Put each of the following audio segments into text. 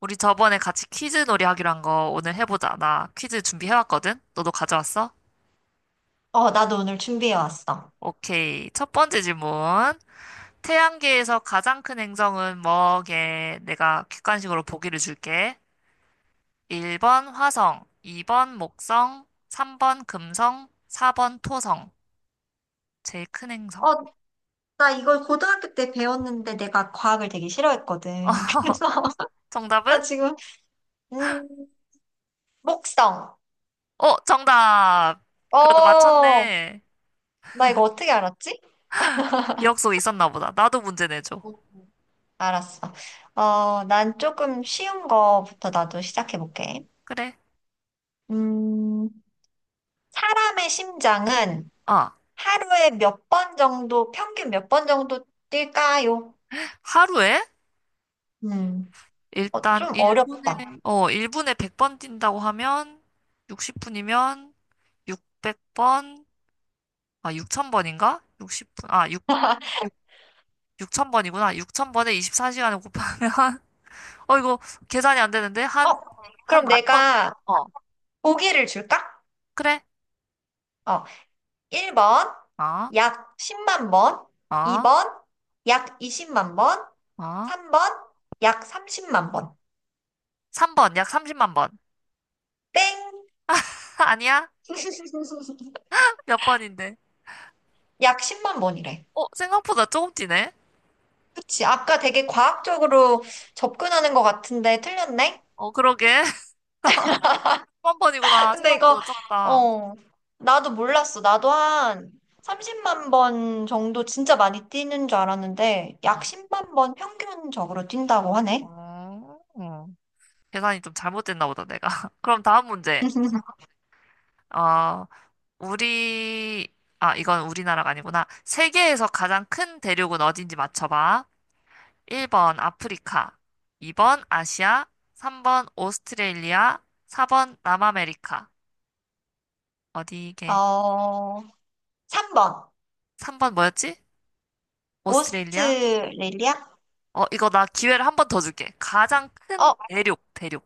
우리 저번에 같이 퀴즈 놀이 하기로 한 거 오늘 해보자. 나 퀴즈 준비해왔거든? 너도 가져왔어? 어, 나도 오늘 준비해 왔어. 오케이. 첫 번째 질문. 태양계에서 가장 큰 행성은 뭐게? 내가 객관식으로 보기를 줄게. 1번 화성, 2번 목성, 3번 금성, 4번 토성. 제일 큰 행성. 어, 나 이걸 고등학교 때 배웠는데 내가 과학을 되게 싫어했거든. 그래서 정답은? 나 지금, 음, 목성. 어, 정답! 그래도 어, 맞췄네. 나 이거 어떻게 알았지? 기억 속에 있었나 보다. 나도 문제 내줘. 어, 알았어. 난 조금 쉬운 거부터 나도 시작해 볼게. 그래. 음, 사람의 심장은 아, 하루에 몇 번 정도, 평균 몇 번 정도 뛸까요? 하루에 음, 일단 좀 1분에 어렵다. 어 1분에 100번 뛴다고 하면 60분이면 600번 아 6000번인가? 60분 아 6, 육육0 0 0번이구나 6000번에 24시간을 곱하면 이거 계산이 안 되는데 한 어, 한 그럼 만 번. 내가 어. 보기를 줄까? 그래. 어. 1번, 어. 약 10만 번, 어. 2번, 약 20만 번, 어. 3번, 약 30만 번. 3번 약 30만 번. 땡! 아니야? 몇 번인데? 약 10만 번이래. 생각보다 조금 뛰네. 그치. 아까 되게 과학적으로 접근하는 것 같은데 틀렸네? 어, 그러게. 3번이구나. 근데 이거, 생각보다 적다. 어, 나도 몰랐어. 나도 한 30만 번 정도 진짜 많이 뛰는 줄 알았는데, 약 응. 10만 번 평균적으로 뛴다고 하네. 어. 어. 계산이 좀 잘못됐나 보다, 내가. 그럼 다음 문제. 어, 우리, 아, 이건 우리나라가 아니구나. 세계에서 가장 큰 대륙은 어딘지 맞춰봐. 1번 아프리카, 2번 아시아, 3번 오스트레일리아, 4번 남아메리카. 어디게? 어, 3번. 3번 뭐였지? 오스트레일리아? 오스트레일리아? 어, 이거 나 기회를 한 번 더 줄게. 가장 큰 어, 대륙, 대륙.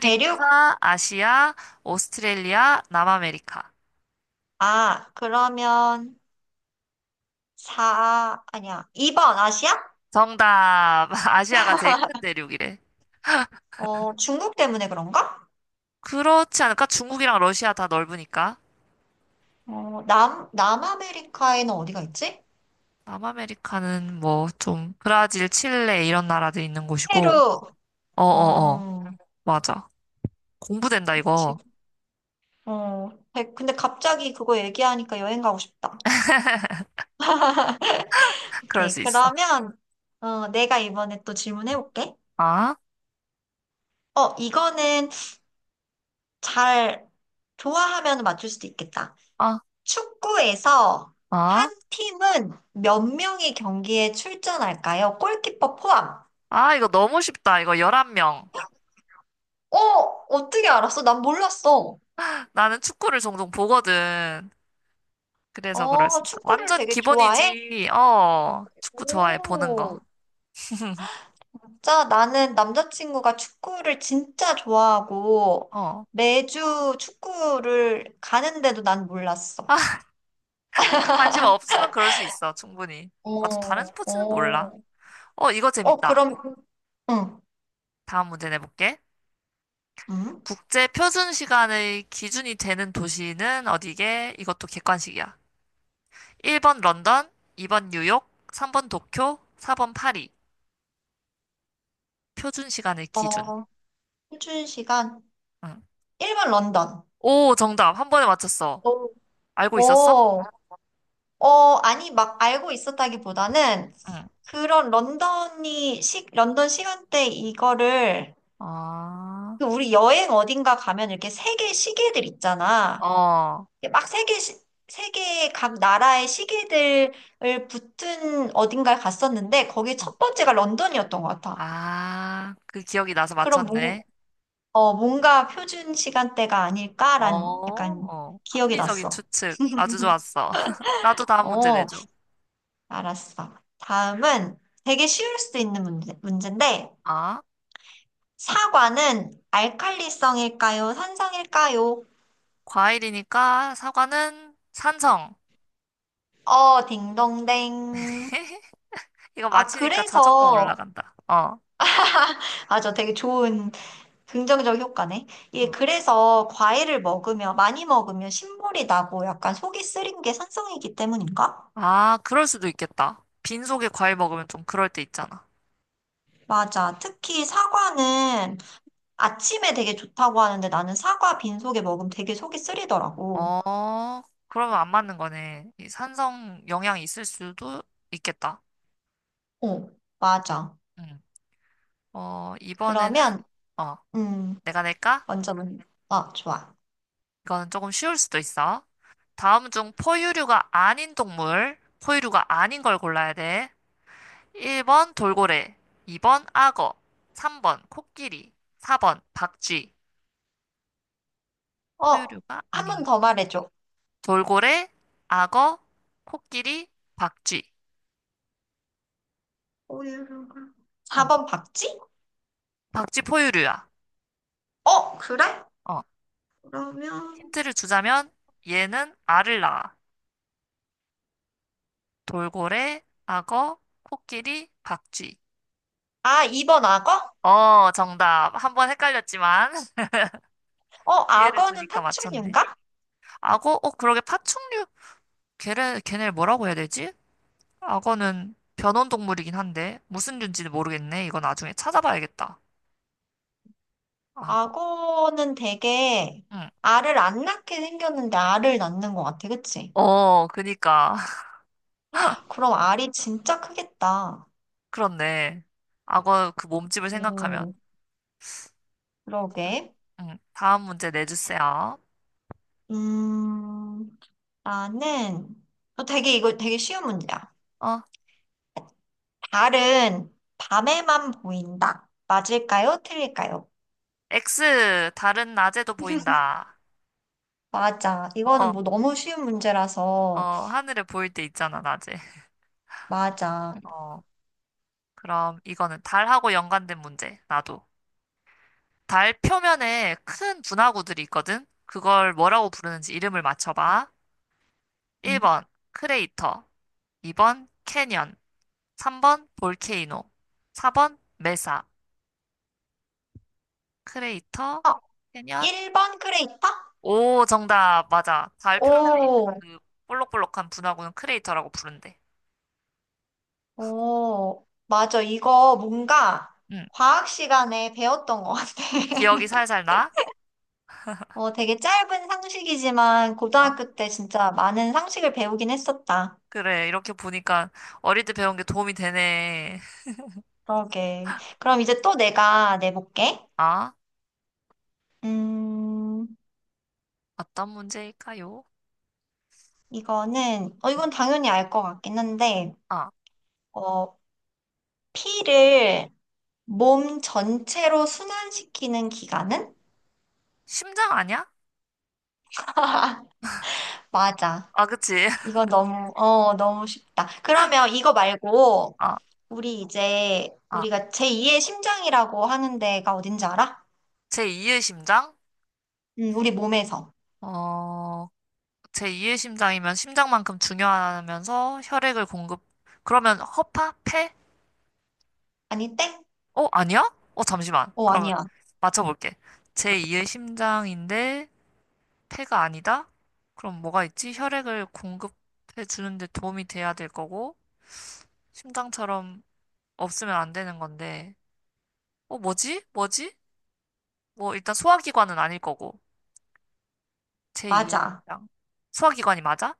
대륙? 아시아, 오스트레일리아, 남아메리카. 아, 그러면 4, 아니야. 2번 아시아? 정답. 아시아가 제일 큰 대륙이래. 중국 때문에 그런가? 그렇지 않을까? 중국이랑 러시아 다 넓으니까. 남아메리카에는 어디가 있지? 남아메리카는 뭐 좀 브라질, 칠레 이런 나라들이 있는 곳이고. 페루. 어어어. 어, 맞아. 공부된다 이거. 지금, 근데 갑자기 그거 얘기하니까 여행 가고 싶다. 그럴 오케이. 수 있어. 그러면, 내가 이번에 또 질문해볼게. 아? 이거는 잘 좋아하면 맞출 수도 있겠다. 아? 축구에서 한 아? 팀은 몇 명이 경기에 출전할까요? 골키퍼 포함. 아, 이거 너무 쉽다. 이거 11명. 어, 어떻게 알았어? 난 몰랐어. 나는 축구를 종종 보거든. 그래서 그럴 수 있어. 축구를 완전 되게 좋아해? 기본이지. 어. 축구 좋아해. 보는 거. 오, 진짜 나는 남자친구가 축구를 진짜 좋아하고 어. 매주 축구를 가는데도 난 몰랐어. 관심 없으면 그럴 수 있어. 충분히. 나도 다른 어, 스포츠는 몰라. 어. 어, 이거 어, 재밌다. 그럼, 응, 다음 문제 내볼게. 응? 국제 표준 시간의 기준이 되는 도시는 어디게? 이것도 객관식이야. 1번 런던, 2번 뉴욕, 3번 도쿄, 4번 파리. 표준 시간의 기준. 어, 표준 시간 응. 1번 런던. 오, 정답. 한 번에 맞췄어. 오, 알고 있었어? 오, 아니, 막 알고 있었다기보다는 응. 그런 런던 시간대 이거를 아, 그 우리 여행 어딘가 가면 이렇게 세계 시계들 있잖아. 어, 이게 막 세계 각 나라의 시계들을 붙은 어딘가에 갔었는데 거기 어. 첫 번째가 런던이었던 것 같아. 아, 그 기억이 나서 그럼 뭔, 맞췄네. 어, 뭔가 표준 시간대가 어, 아닐까란 약간 어. 기억이 합리적인 났어. 추측. 아주 좋았어. 나도 다음 문제 어, 내줘. 알았어. 다음은 되게 쉬울 수 있는 문제인데 아. 사과는 알칼리성일까요? 산성일까요? 과일이니까 사과는 산성. 딩동댕. 이거 아, 맞히니까 자존감 그래서, 올라간다. 어. 아, 저 되게 좋은 긍정적 효과네. 예, 어. 그래서 과일을 먹으면, 많이 먹으면 신물이 나고 약간 속이 쓰린 게 산성이기 때문인가? 아, 그럴 수도 있겠다. 빈속에 과일 먹으면 좀 그럴 때 있잖아. 맞아. 특히 사과는 아침에 되게 좋다고 하는데 나는 사과 빈속에 먹으면 되게 속이 쓰리더라고. 어, 그러면 안 맞는 거네. 이 산성 영향이 있을 수도 있겠다. 어, 맞아. 응. 어, 이번에는, 그러면, 어, 음, 내가 낼까? 먼저, 좋아. 이거는 조금 쉬울 수도 있어. 다음 중 포유류가 아닌 동물, 포유류가 아닌 걸 골라야 돼. 1번 돌고래, 2번 악어, 3번 코끼리, 4번 박쥐. 어, 포유류가 한 아닌 번 거. 더 말해줘. 돌고래, 악어, 코끼리, 박쥐. 오유류가 어, 4번 박쥐? 박쥐 포유류야. 어, 그래? 어, 그러면 힌트를 주자면 얘는 알을 낳아. 돌고래, 악어, 코끼리, 박쥐. 아, 2번 악어? 어, 정답. 한번 헷갈렸지만 기회를 악어는 주니까 맞췄네. 파충류인가? 악어, 그러게 파충류. 걔네를 뭐라고 해야 되지? 악어는 변온 동물이긴 한데 무슨 류인지는 모르겠네. 이건 나중에 찾아봐야겠다. 악어. 악어는 되게 응. 알을 안 낳게 생겼는데 알을 낳는 것 같아, 그치? 어, 그니까. 그럼 알이 진짜 크겠다. 그렇네. 악어 그 몸집을 생각하면. 오, 그러게. 응. 다음 문제 내주세요. 음, 나는 되게 이거 되게 쉬운 문제야. 어, 달은 밤에만 보인다. 맞을까요? 틀릴까요? X 다른 낮에도 보인다. 맞아. 이거는 어, 뭐 너무 쉬운 문제라서. 어, 하늘에 보일 때 있잖아, 낮에. 맞아. 어, 그럼 이거는 달하고 연관된 문제. 나도. 달 표면에 큰 분화구들이 있거든. 그걸 뭐라고 부르는지 이름을 맞춰봐. 음. 1번 크레이터, 2번 캐년, 3번 볼케이노, 4번 메사, 크레이터, 아, 캐년. 1번 크레이터? 오, 정답. 맞아. 달 표면에 있는 오, 그 볼록볼록한 분화구는 크레이터라고 부른대. 오. 맞아. 이거 뭔가 응. 과학 시간에 배웠던 것 같아. 기억이 살살 나? 되게 짧은 상식이지만 어, 고등학교 때 진짜 많은 상식을 배우긴 했었다. 그래. 이렇게 보니까 어릴 때 배운 게 도움이 되네. 그러게. 그럼 이제 또 내가 내볼게. 아, 음, 어떤 문제일까요? 이거는, 어, 음, 이건 당연히 알 것 같긴 한데, 아, 어, 피를 몸 전체로 순환시키는 기관은? 심장 아니야? 맞아. 아, 그치. 이건 너무 쉽다. 그러면 이거 말고, 아, 우리 이제, 아, 우리가 제2의 심장이라고 하는 데가 어딘지 알아? 제2의 심장? 우리 몸에서. 어, 제2의 심장이면 심장만큼 중요하면서 혈액을 공급. 그러면 허파? 폐? 아니, 땡? 어, 아니야? 어, 잠시만. 어, 그러면 아니야. 맞춰볼게. 제2의 심장인데 폐가 아니다? 그럼 뭐가 있지? 혈액을 공급해 주는데 도움이 돼야 될 거고, 심장처럼 없으면 안 되는 건데, 뭐지? 뭐지? 뭐, 일단 소화기관은 아닐 거고, 제2의 맞아. 심장. 소화기관이 맞아?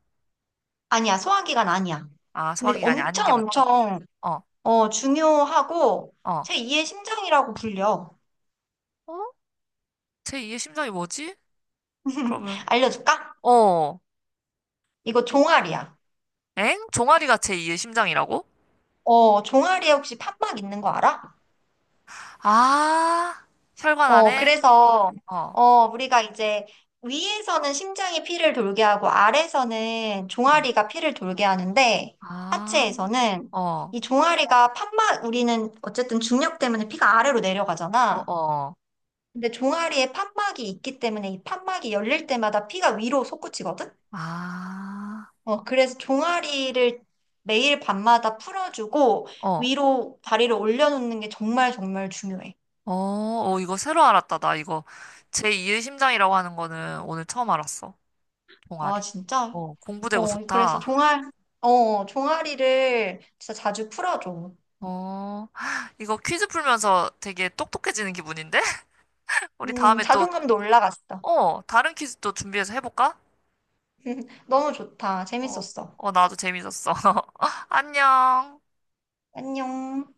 아니야. 소화기관 아니야. 아, 근데 소화기관이 아닌 게 엄청 맞다고. 엄청, 어, 중요하고, 어. 제2의 심장이라고 불려. 어? 제2의 심장이 뭐지? 그러면 알려줄까? 어. 이거 종아리야. 엥? 종아리가 제2의 심장이라고? 종아리에 혹시 판막 있는 거 알아? 아, 혈관 안에? 그래서, 어, 어, 우리가 이제 위에서는 심장이 피를 돌게 하고 아래에서는 어, 종아리가 피를 돌게 하는데 아, 하체에서는 어, 이 종아리가 판막, 우리는 어쨌든 중력 때문에 피가 아래로 어, 내려가잖아. 어, 근데 종아리에 판막이 있기 때문에 이 판막이 열릴 때마다 피가 위로 솟구치거든? 아, 그래서 종아리를 매일 밤마다 풀어주고 어, 어, 위로 다리를 올려놓는 게 정말 정말 중요해. 어, 어, 이거 새로 알았다. 나 이거 제2의 심장이라고 하는 거는 오늘 처음 알았어. 아, 종아리. 진짜? 어, 공부되고 그래서 좋다. 종아리를 진짜 자주 풀어줘. 어, 이거 퀴즈 풀면서 되게 똑똑해지는 기분인데? 우리 다음에 또, 자존감도 올라갔어. 다른 퀴즈 또 준비해서 해볼까? 너무 좋다. 어, 재밌었어. 어, 나도 재밌었어. 안녕. 안녕.